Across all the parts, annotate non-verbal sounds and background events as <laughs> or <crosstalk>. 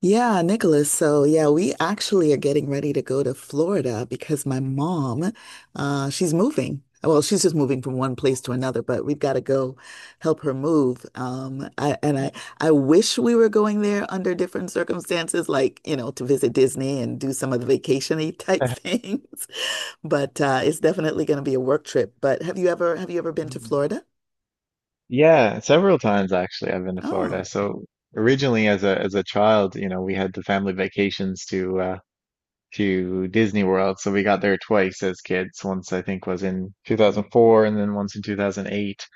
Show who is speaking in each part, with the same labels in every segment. Speaker 1: Yeah, Nicholas. So, yeah, we actually are getting ready to go to Florida because my mom, she's moving. Well, she's just moving from one place to another, but we've got to go help her move. I wish we were going there under different circumstances, like, to visit Disney and do some of the vacation-y type <laughs> things. But it's definitely going to be a work trip. But have you ever been to
Speaker 2: Mm.
Speaker 1: Florida?
Speaker 2: Yeah, several times actually I've been to Florida.
Speaker 1: Oh,
Speaker 2: So originally as a child, you know, we had the family vacations to Disney World. So we got there twice as kids. Once I think was in 2004 and then once in 2008.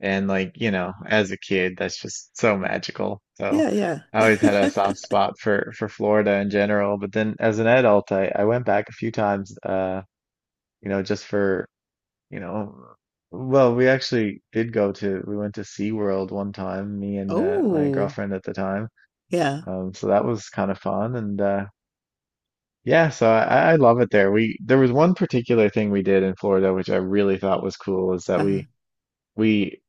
Speaker 2: And like, you know, as a kid, that's just so magical. So
Speaker 1: yeah, yeah.
Speaker 2: I always had a soft
Speaker 1: <laughs>
Speaker 2: spot for Florida in general, but then as an adult, I went back a few times you know, just for you know, well, we actually we went to SeaWorld one time, me and my
Speaker 1: Oh,
Speaker 2: girlfriend at the time.
Speaker 1: yeah.
Speaker 2: So that was kind of fun. And yeah, so I love it there. There was one particular thing we did in Florida, which I really thought was cool, is that
Speaker 1: Uh-huh.
Speaker 2: we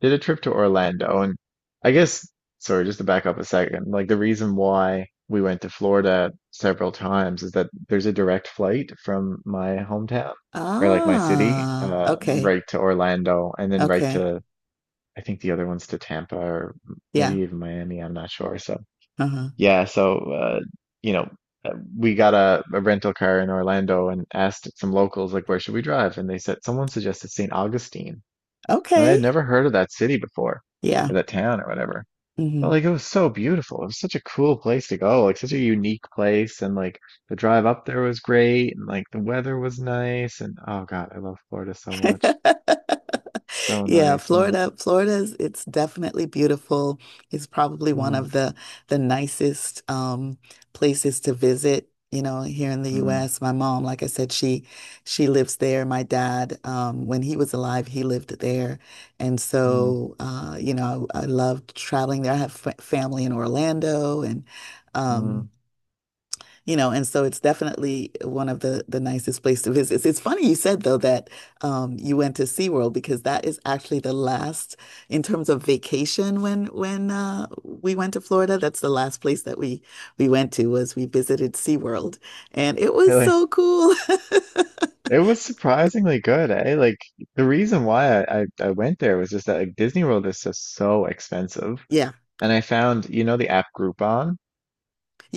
Speaker 2: did a trip to Orlando. And I guess, sorry, just to back up a second, like the reason why we went to Florida several times is that there's a direct flight from my hometown or like my city,
Speaker 1: Ah, okay.
Speaker 2: right to Orlando and then right
Speaker 1: Okay.
Speaker 2: to, I think the other one's to Tampa or maybe
Speaker 1: Yeah.
Speaker 2: even Miami. I'm not sure. So
Speaker 1: Uh-huh.
Speaker 2: yeah, you know, uh, we got a rental car in Orlando and asked some locals, like, where should we drive? And they said, someone suggested St. Augustine. And I had
Speaker 1: Okay.
Speaker 2: never heard of that city before,
Speaker 1: Yeah.
Speaker 2: or that town or whatever. But
Speaker 1: Hmm.
Speaker 2: like it was so beautiful. It was such a cool place to go, like such a unique place. And like the drive up there was great, and like the weather was nice. And, oh God, I love Florida so much.
Speaker 1: <laughs>
Speaker 2: So
Speaker 1: Yeah,
Speaker 2: nice. And
Speaker 1: Florida, Florida's it's definitely beautiful. It's probably one
Speaker 2: mm,
Speaker 1: of the nicest places to visit, you know, here in the
Speaker 2: mm,
Speaker 1: US. My mom, like I said, she lives there. My dad, when he was alive, he lived there. And
Speaker 2: mm,
Speaker 1: so I loved traveling there. I have f family in Orlando,
Speaker 2: mm.
Speaker 1: um and so it's definitely one of the nicest place to visit. It's funny you said though that you went to SeaWorld, because that is actually the last in terms of vacation when we went to Florida. That's the last place that we went to was we visited SeaWorld, and it was
Speaker 2: Really,
Speaker 1: so cool. <laughs>
Speaker 2: it was surprisingly good, eh? Like the reason why I went there was just that like Disney World is just so expensive.
Speaker 1: Yeah,
Speaker 2: And I found, you know, the app Groupon.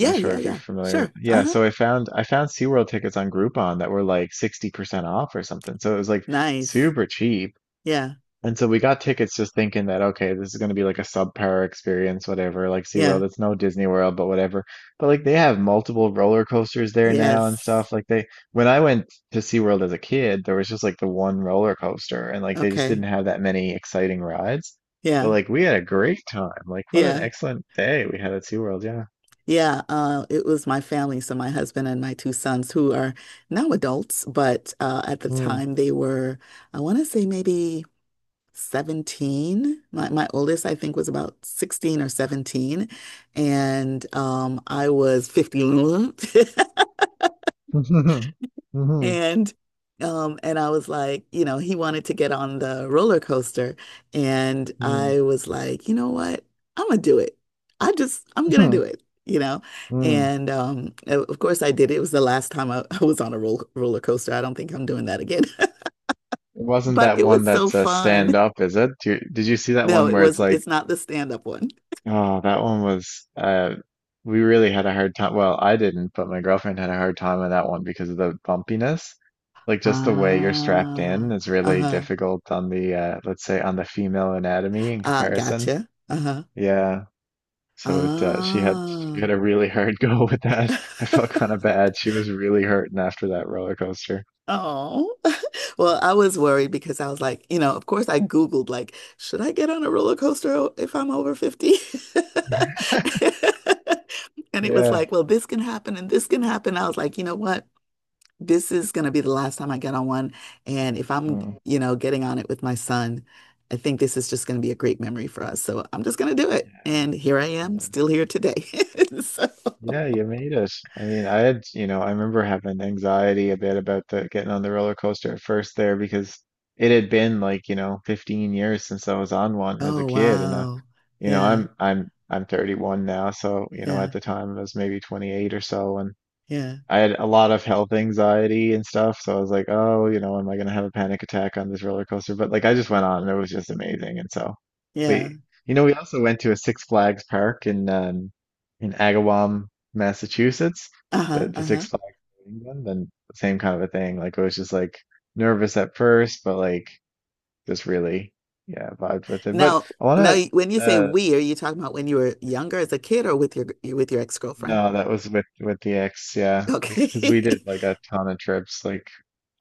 Speaker 2: I'm not sure
Speaker 1: yeah,
Speaker 2: if you're
Speaker 1: yeah.
Speaker 2: familiar with.
Speaker 1: Sure.
Speaker 2: Yeah,
Speaker 1: Uh-huh.
Speaker 2: so I found SeaWorld tickets on Groupon that were like 60% off or something. So it was like
Speaker 1: Nice.
Speaker 2: super cheap.
Speaker 1: Yeah,
Speaker 2: And so we got tickets just thinking that, okay, this is going to be like a subpar experience whatever, like
Speaker 1: yeah.
Speaker 2: SeaWorld, it's no Disney World but whatever. But like they have multiple roller coasters there now and
Speaker 1: Yes.
Speaker 2: stuff. Like they when I went to SeaWorld as a kid, there was just like the one roller coaster and like they just didn't
Speaker 1: Okay.
Speaker 2: have that many exciting rides. But
Speaker 1: Yeah,
Speaker 2: like we had a great time. Like what an
Speaker 1: yeah.
Speaker 2: excellent day we had at SeaWorld, yeah.
Speaker 1: Yeah, it was my family, so my husband and my two sons, who are now adults, but at the
Speaker 2: Hmm.
Speaker 1: time they were, I want to say maybe 17. My oldest, I think, was about 16 or 17, and I was 50. <laughs>
Speaker 2: Mhm. Mhm.
Speaker 1: And and I was like, he wanted to get on the roller coaster, and
Speaker 2: Mhm.
Speaker 1: I was like, you know what? I'm gonna do it. I'm gonna do
Speaker 2: Mhm.
Speaker 1: it.
Speaker 2: Mhm.
Speaker 1: Of course I did. It was the last time I, <laughs> I was on a roller coaster. I don't think I'm doing that again. <laughs>
Speaker 2: It wasn't
Speaker 1: But
Speaker 2: that
Speaker 1: it
Speaker 2: one
Speaker 1: was so
Speaker 2: that's
Speaker 1: fun.
Speaker 2: stand up, is it? Did you see that
Speaker 1: No,
Speaker 2: one
Speaker 1: it
Speaker 2: where it's
Speaker 1: was
Speaker 2: like,
Speaker 1: it's not the stand-up one.
Speaker 2: oh, that one was, we really had a hard time. Well, I didn't, but my girlfriend had a hard time on that one because of the bumpiness. Like just the way you're strapped
Speaker 1: Ah,
Speaker 2: in is really
Speaker 1: uh-huh.
Speaker 2: difficult on the, let's say, on the female anatomy in comparison.
Speaker 1: Gotcha. Uh-huh.
Speaker 2: Yeah. So, it, she
Speaker 1: Ah.
Speaker 2: had a really hard <laughs> go with that. <laughs> I felt kind of
Speaker 1: <laughs>
Speaker 2: bad. She was really hurting after that roller coaster.
Speaker 1: Oh. Well, I was worried because I was like, of course I Googled, like, should I get on a roller coaster if I'm over 50? <laughs> And it was
Speaker 2: Yeah.
Speaker 1: like, well, this can happen and this can happen. I was like, you know what? This is going to be the last time I get on one. And if I'm,
Speaker 2: Oh,
Speaker 1: getting on it with my son, I think this is just going to be a great memory for us. So I'm just going to do it. And here I am,
Speaker 2: yeah.
Speaker 1: still here today. <laughs> So,
Speaker 2: Yeah, you made it. I mean, I had, you know, I remember having anxiety a bit about the getting on the roller coaster at first there because it had been like, you know, 15 years since I was on one as a
Speaker 1: oh,
Speaker 2: kid and
Speaker 1: wow.
Speaker 2: you know,
Speaker 1: Yeah,
Speaker 2: I'm 31 now, so, you know,
Speaker 1: yeah,
Speaker 2: at the time I was maybe 28 or so.
Speaker 1: yeah,
Speaker 2: I had a lot of health anxiety and stuff, so I was like, oh, you know, am I gonna have a panic attack on this roller coaster? But like I just went on and it was just amazing. And so
Speaker 1: yeah.
Speaker 2: we, you know, we also went to a Six Flags park in Agawam, Massachusetts,
Speaker 1: Uh-huh,
Speaker 2: the
Speaker 1: uh-huh.
Speaker 2: Six Flags in England, and same kind of a thing. Like I was just like nervous at first, but like just really, yeah, vibed with it. But
Speaker 1: Now,
Speaker 2: I
Speaker 1: now,
Speaker 2: wanna
Speaker 1: you- when you say
Speaker 2: uh
Speaker 1: we, are you talking about when you were younger as a kid, or with your ex-girlfriend?
Speaker 2: no, that was with the ex, yeah, because we
Speaker 1: Okay.
Speaker 2: 'cause we did
Speaker 1: <laughs>
Speaker 2: like a ton of trips, like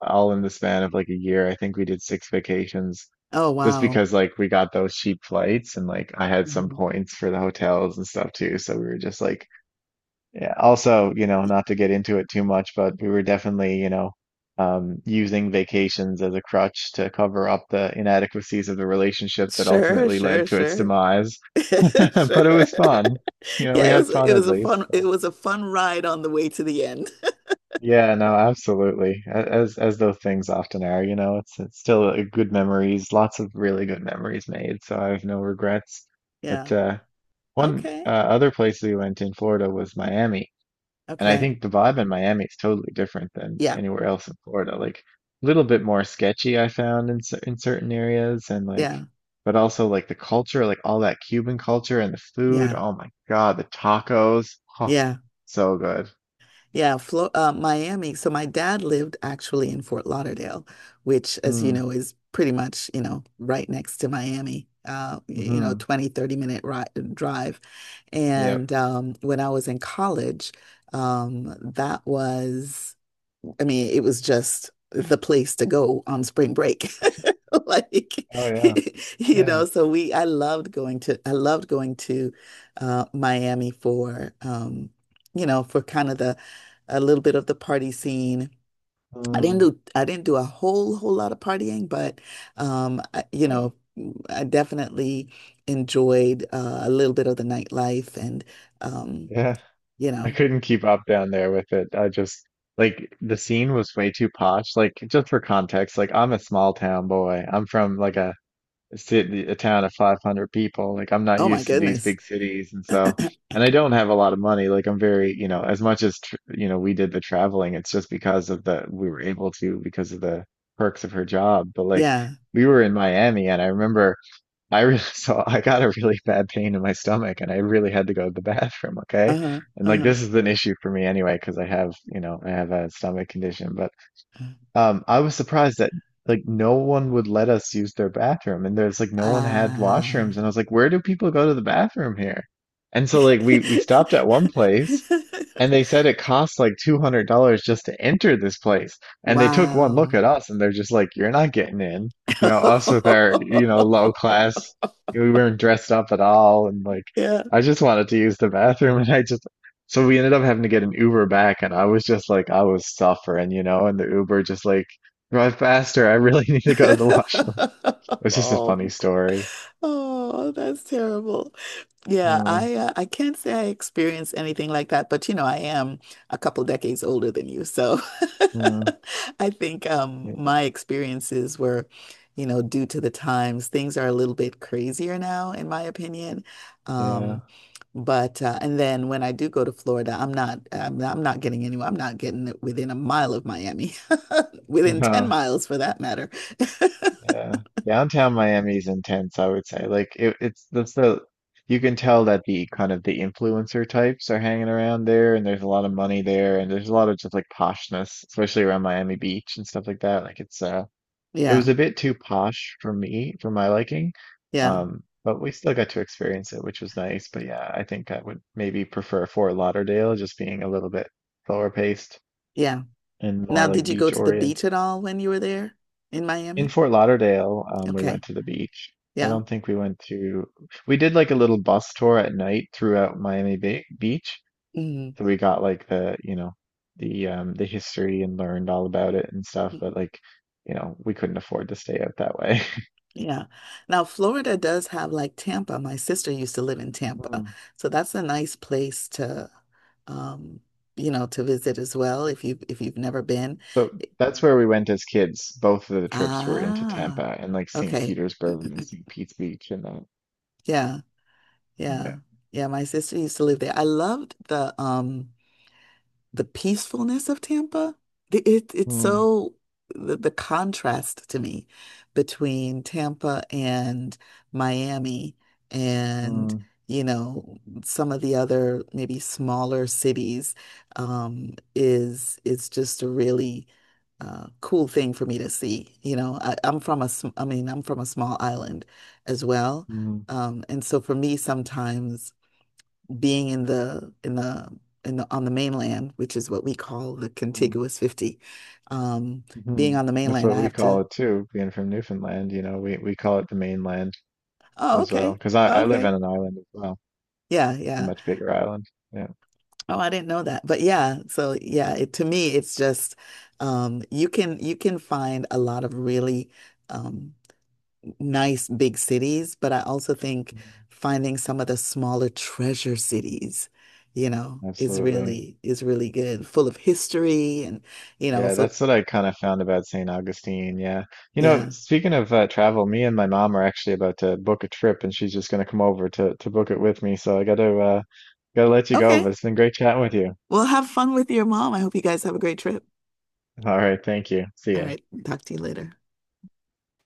Speaker 2: all in the span of like a year. I think we did 6 vacations
Speaker 1: Oh,
Speaker 2: just
Speaker 1: wow.
Speaker 2: because like we got those cheap flights and like I had some
Speaker 1: Mhm.
Speaker 2: points for the hotels and stuff too. So we were just like, yeah. Also, you know, not to get into it too much, but we were definitely, you know, using vacations as a crutch to cover up the inadequacies of the relationship that
Speaker 1: Sure,
Speaker 2: ultimately
Speaker 1: sure,
Speaker 2: led to its
Speaker 1: sure.
Speaker 2: demise. <laughs>
Speaker 1: <laughs> Sure.
Speaker 2: But it was fun.
Speaker 1: <laughs>
Speaker 2: You know, we
Speaker 1: Yeah,
Speaker 2: had fun
Speaker 1: it
Speaker 2: at
Speaker 1: was a
Speaker 2: least.
Speaker 1: fun it was a fun ride on the way to the end.
Speaker 2: Yeah, no, absolutely. As those things often are, you know, it's still a good memories, lots of really good memories made, so I have no regrets.
Speaker 1: <laughs> Yeah.
Speaker 2: But uh one
Speaker 1: Okay.
Speaker 2: uh, other place we went in Florida was Miami, and I
Speaker 1: Okay.
Speaker 2: think the vibe in Miami is totally different than
Speaker 1: Yeah.
Speaker 2: anywhere else in Florida. Like a little bit more sketchy I found in in certain areas and like
Speaker 1: Yeah.
Speaker 2: but also like the culture, like all that Cuban culture and the food.
Speaker 1: Yeah.
Speaker 2: Oh my God, the tacos. Oh,
Speaker 1: Yeah.
Speaker 2: so good.
Speaker 1: Yeah, Flo Miami. So my dad lived actually in Fort Lauderdale, which, as you
Speaker 2: Mm,
Speaker 1: know, is pretty much, right next to Miami,
Speaker 2: hmm.
Speaker 1: 20-30 minute ri drive.
Speaker 2: Yep.
Speaker 1: And when I was in college, that was I mean, it was just the place to go on spring break. <laughs> Like,
Speaker 2: Oh yeah,
Speaker 1: <laughs>
Speaker 2: yeah,
Speaker 1: I loved going to Miami for, kind of a little bit of the party scene. I didn't
Speaker 2: mm,
Speaker 1: do, I didn't do a whole, whole lot of partying, but, um, I, you
Speaker 2: yeah,
Speaker 1: know, I definitely enjoyed a little bit of the nightlife um,
Speaker 2: yeah.
Speaker 1: you
Speaker 2: <laughs> I
Speaker 1: know,
Speaker 2: couldn't keep up down there with it. I just like the scene was way too posh. Like just for context, like I'm a small town boy. I'm from like a town of 500 people. Like I'm not
Speaker 1: oh my
Speaker 2: used to these
Speaker 1: goodness.
Speaker 2: big cities, and so and I don't have a lot of money. Like I'm very, you know, as much as tr you know, we did the traveling. It's just because of the we were able to because of the perks of her job. But like
Speaker 1: Yeah.
Speaker 2: we were in Miami, and I remember. I really, <laughs> so I got a really bad pain in my stomach and I really had to go to the bathroom, okay?
Speaker 1: Uh-huh. Uh-huh.
Speaker 2: And like
Speaker 1: Uh-huh.
Speaker 2: this is an issue for me anyway because I have, you know, I have a stomach condition, but I was surprised that like no one would let us use their bathroom and there's like no one had washrooms
Speaker 1: Ah.
Speaker 2: and I was like, where do people go to the bathroom here? And so like we stopped at one place and they
Speaker 1: <laughs>
Speaker 2: said it costs like $200 just to enter this place. And they took one look
Speaker 1: Wow.
Speaker 2: at us and they're just like, you're not getting in. You know, us with our, you know, low
Speaker 1: <laughs>
Speaker 2: class, we weren't dressed up at all. And like,
Speaker 1: Yeah.
Speaker 2: I just wanted to use the bathroom. <laughs> And so we ended up having to get an Uber back. And I was just like, I was suffering, you know, and the Uber just like, drive faster. I really <laughs> need to go to the washroom.
Speaker 1: <laughs>
Speaker 2: It's just a funny
Speaker 1: Oh,
Speaker 2: story.
Speaker 1: oh, that's terrible. Yeah,
Speaker 2: Uh,
Speaker 1: I can't say I experienced anything like that, but I am a couple decades older than you, so
Speaker 2: uh,
Speaker 1: <laughs> I think
Speaker 2: yeah.
Speaker 1: my experiences were, due to the times. Things are a little bit crazier now, in my opinion. Um, but and then when I do go to Florida, I'm not getting anywhere. I'm not getting within a mile of Miami, <laughs> within 10
Speaker 2: Yeah. <laughs>
Speaker 1: miles for that matter. <laughs>
Speaker 2: Yeah. Downtown Miami is intense, I would say. Like it, it's that's the you can tell that the kind of the influencer types are hanging around there and there's a lot of money there and there's a lot of just like poshness, especially around Miami Beach and stuff like that. Like it was
Speaker 1: Yeah,
Speaker 2: a bit too posh for me, for my liking.
Speaker 1: yeah,
Speaker 2: But we still got to experience it, which was nice. But yeah, I think I would maybe prefer Fort Lauderdale just being a little bit slower paced
Speaker 1: yeah.
Speaker 2: and
Speaker 1: Now,
Speaker 2: more like
Speaker 1: did you go
Speaker 2: beach
Speaker 1: to the beach
Speaker 2: oriented.
Speaker 1: at all when you were there in
Speaker 2: In
Speaker 1: Miami?
Speaker 2: Fort Lauderdale, we went
Speaker 1: Okay.
Speaker 2: to the beach. I
Speaker 1: Yeah.
Speaker 2: don't think we went to, we did like a little bus tour at night throughout Miami Bay Beach.
Speaker 1: Mhm.
Speaker 2: So we got like the, you know, the history and learned all about it and stuff, but like, you know, we couldn't afford to stay out that way. <laughs>
Speaker 1: Yeah. Now, Florida does have like Tampa. My sister used to live in Tampa.
Speaker 2: Mm.
Speaker 1: So that's a nice place um, to visit as well, if you've never been.
Speaker 2: So that's where we went as kids. Both of the trips were into Tampa
Speaker 1: Ah,
Speaker 2: and like St.
Speaker 1: okay.
Speaker 2: Petersburg and St.
Speaker 1: <clears throat>
Speaker 2: Pete's Beach and that.
Speaker 1: Yeah. Yeah.
Speaker 2: Yeah.
Speaker 1: Yeah, my sister used to live there. I loved the peacefulness of Tampa. It, it- it's
Speaker 2: Mm,
Speaker 1: so the contrast to me between Tampa and Miami and
Speaker 2: mm,
Speaker 1: you know some of the other maybe smaller cities, is just a really cool thing for me to see. You know, I mean, I'm from a small island as well.
Speaker 2: mm,
Speaker 1: And so for me, sometimes being in the in the in the on the mainland, which is what we call the
Speaker 2: mm.
Speaker 1: contiguous 50. Um, being
Speaker 2: Hmm.
Speaker 1: on the
Speaker 2: That's
Speaker 1: mainland,
Speaker 2: what
Speaker 1: I
Speaker 2: we
Speaker 1: have
Speaker 2: call
Speaker 1: to.
Speaker 2: it too, being from Newfoundland, you know, we call it the mainland
Speaker 1: Oh,
Speaker 2: as well.
Speaker 1: okay.
Speaker 2: Because I live on
Speaker 1: Okay.
Speaker 2: an island as well.
Speaker 1: Yeah,
Speaker 2: It's a
Speaker 1: yeah.
Speaker 2: much bigger island. Yeah,
Speaker 1: Oh, I didn't know that. But yeah, so yeah, to me it's just you can find a lot of really um nice big cities, but I also think finding some of the smaller treasure cities, is
Speaker 2: absolutely.
Speaker 1: really is really good, full of history and
Speaker 2: Yeah,
Speaker 1: so
Speaker 2: that's what I kind of found about St. Augustine. Yeah. You know,
Speaker 1: yeah.
Speaker 2: speaking of travel, me and my mom are actually about to book a trip and she's just going to come over to book it with me. So I got to let you go,
Speaker 1: Okay.
Speaker 2: but it's been great chatting with you.
Speaker 1: Well, have fun with your mom. I hope you guys have a great trip.
Speaker 2: All right, thank you. See
Speaker 1: All
Speaker 2: ya.
Speaker 1: right. Talk to you later.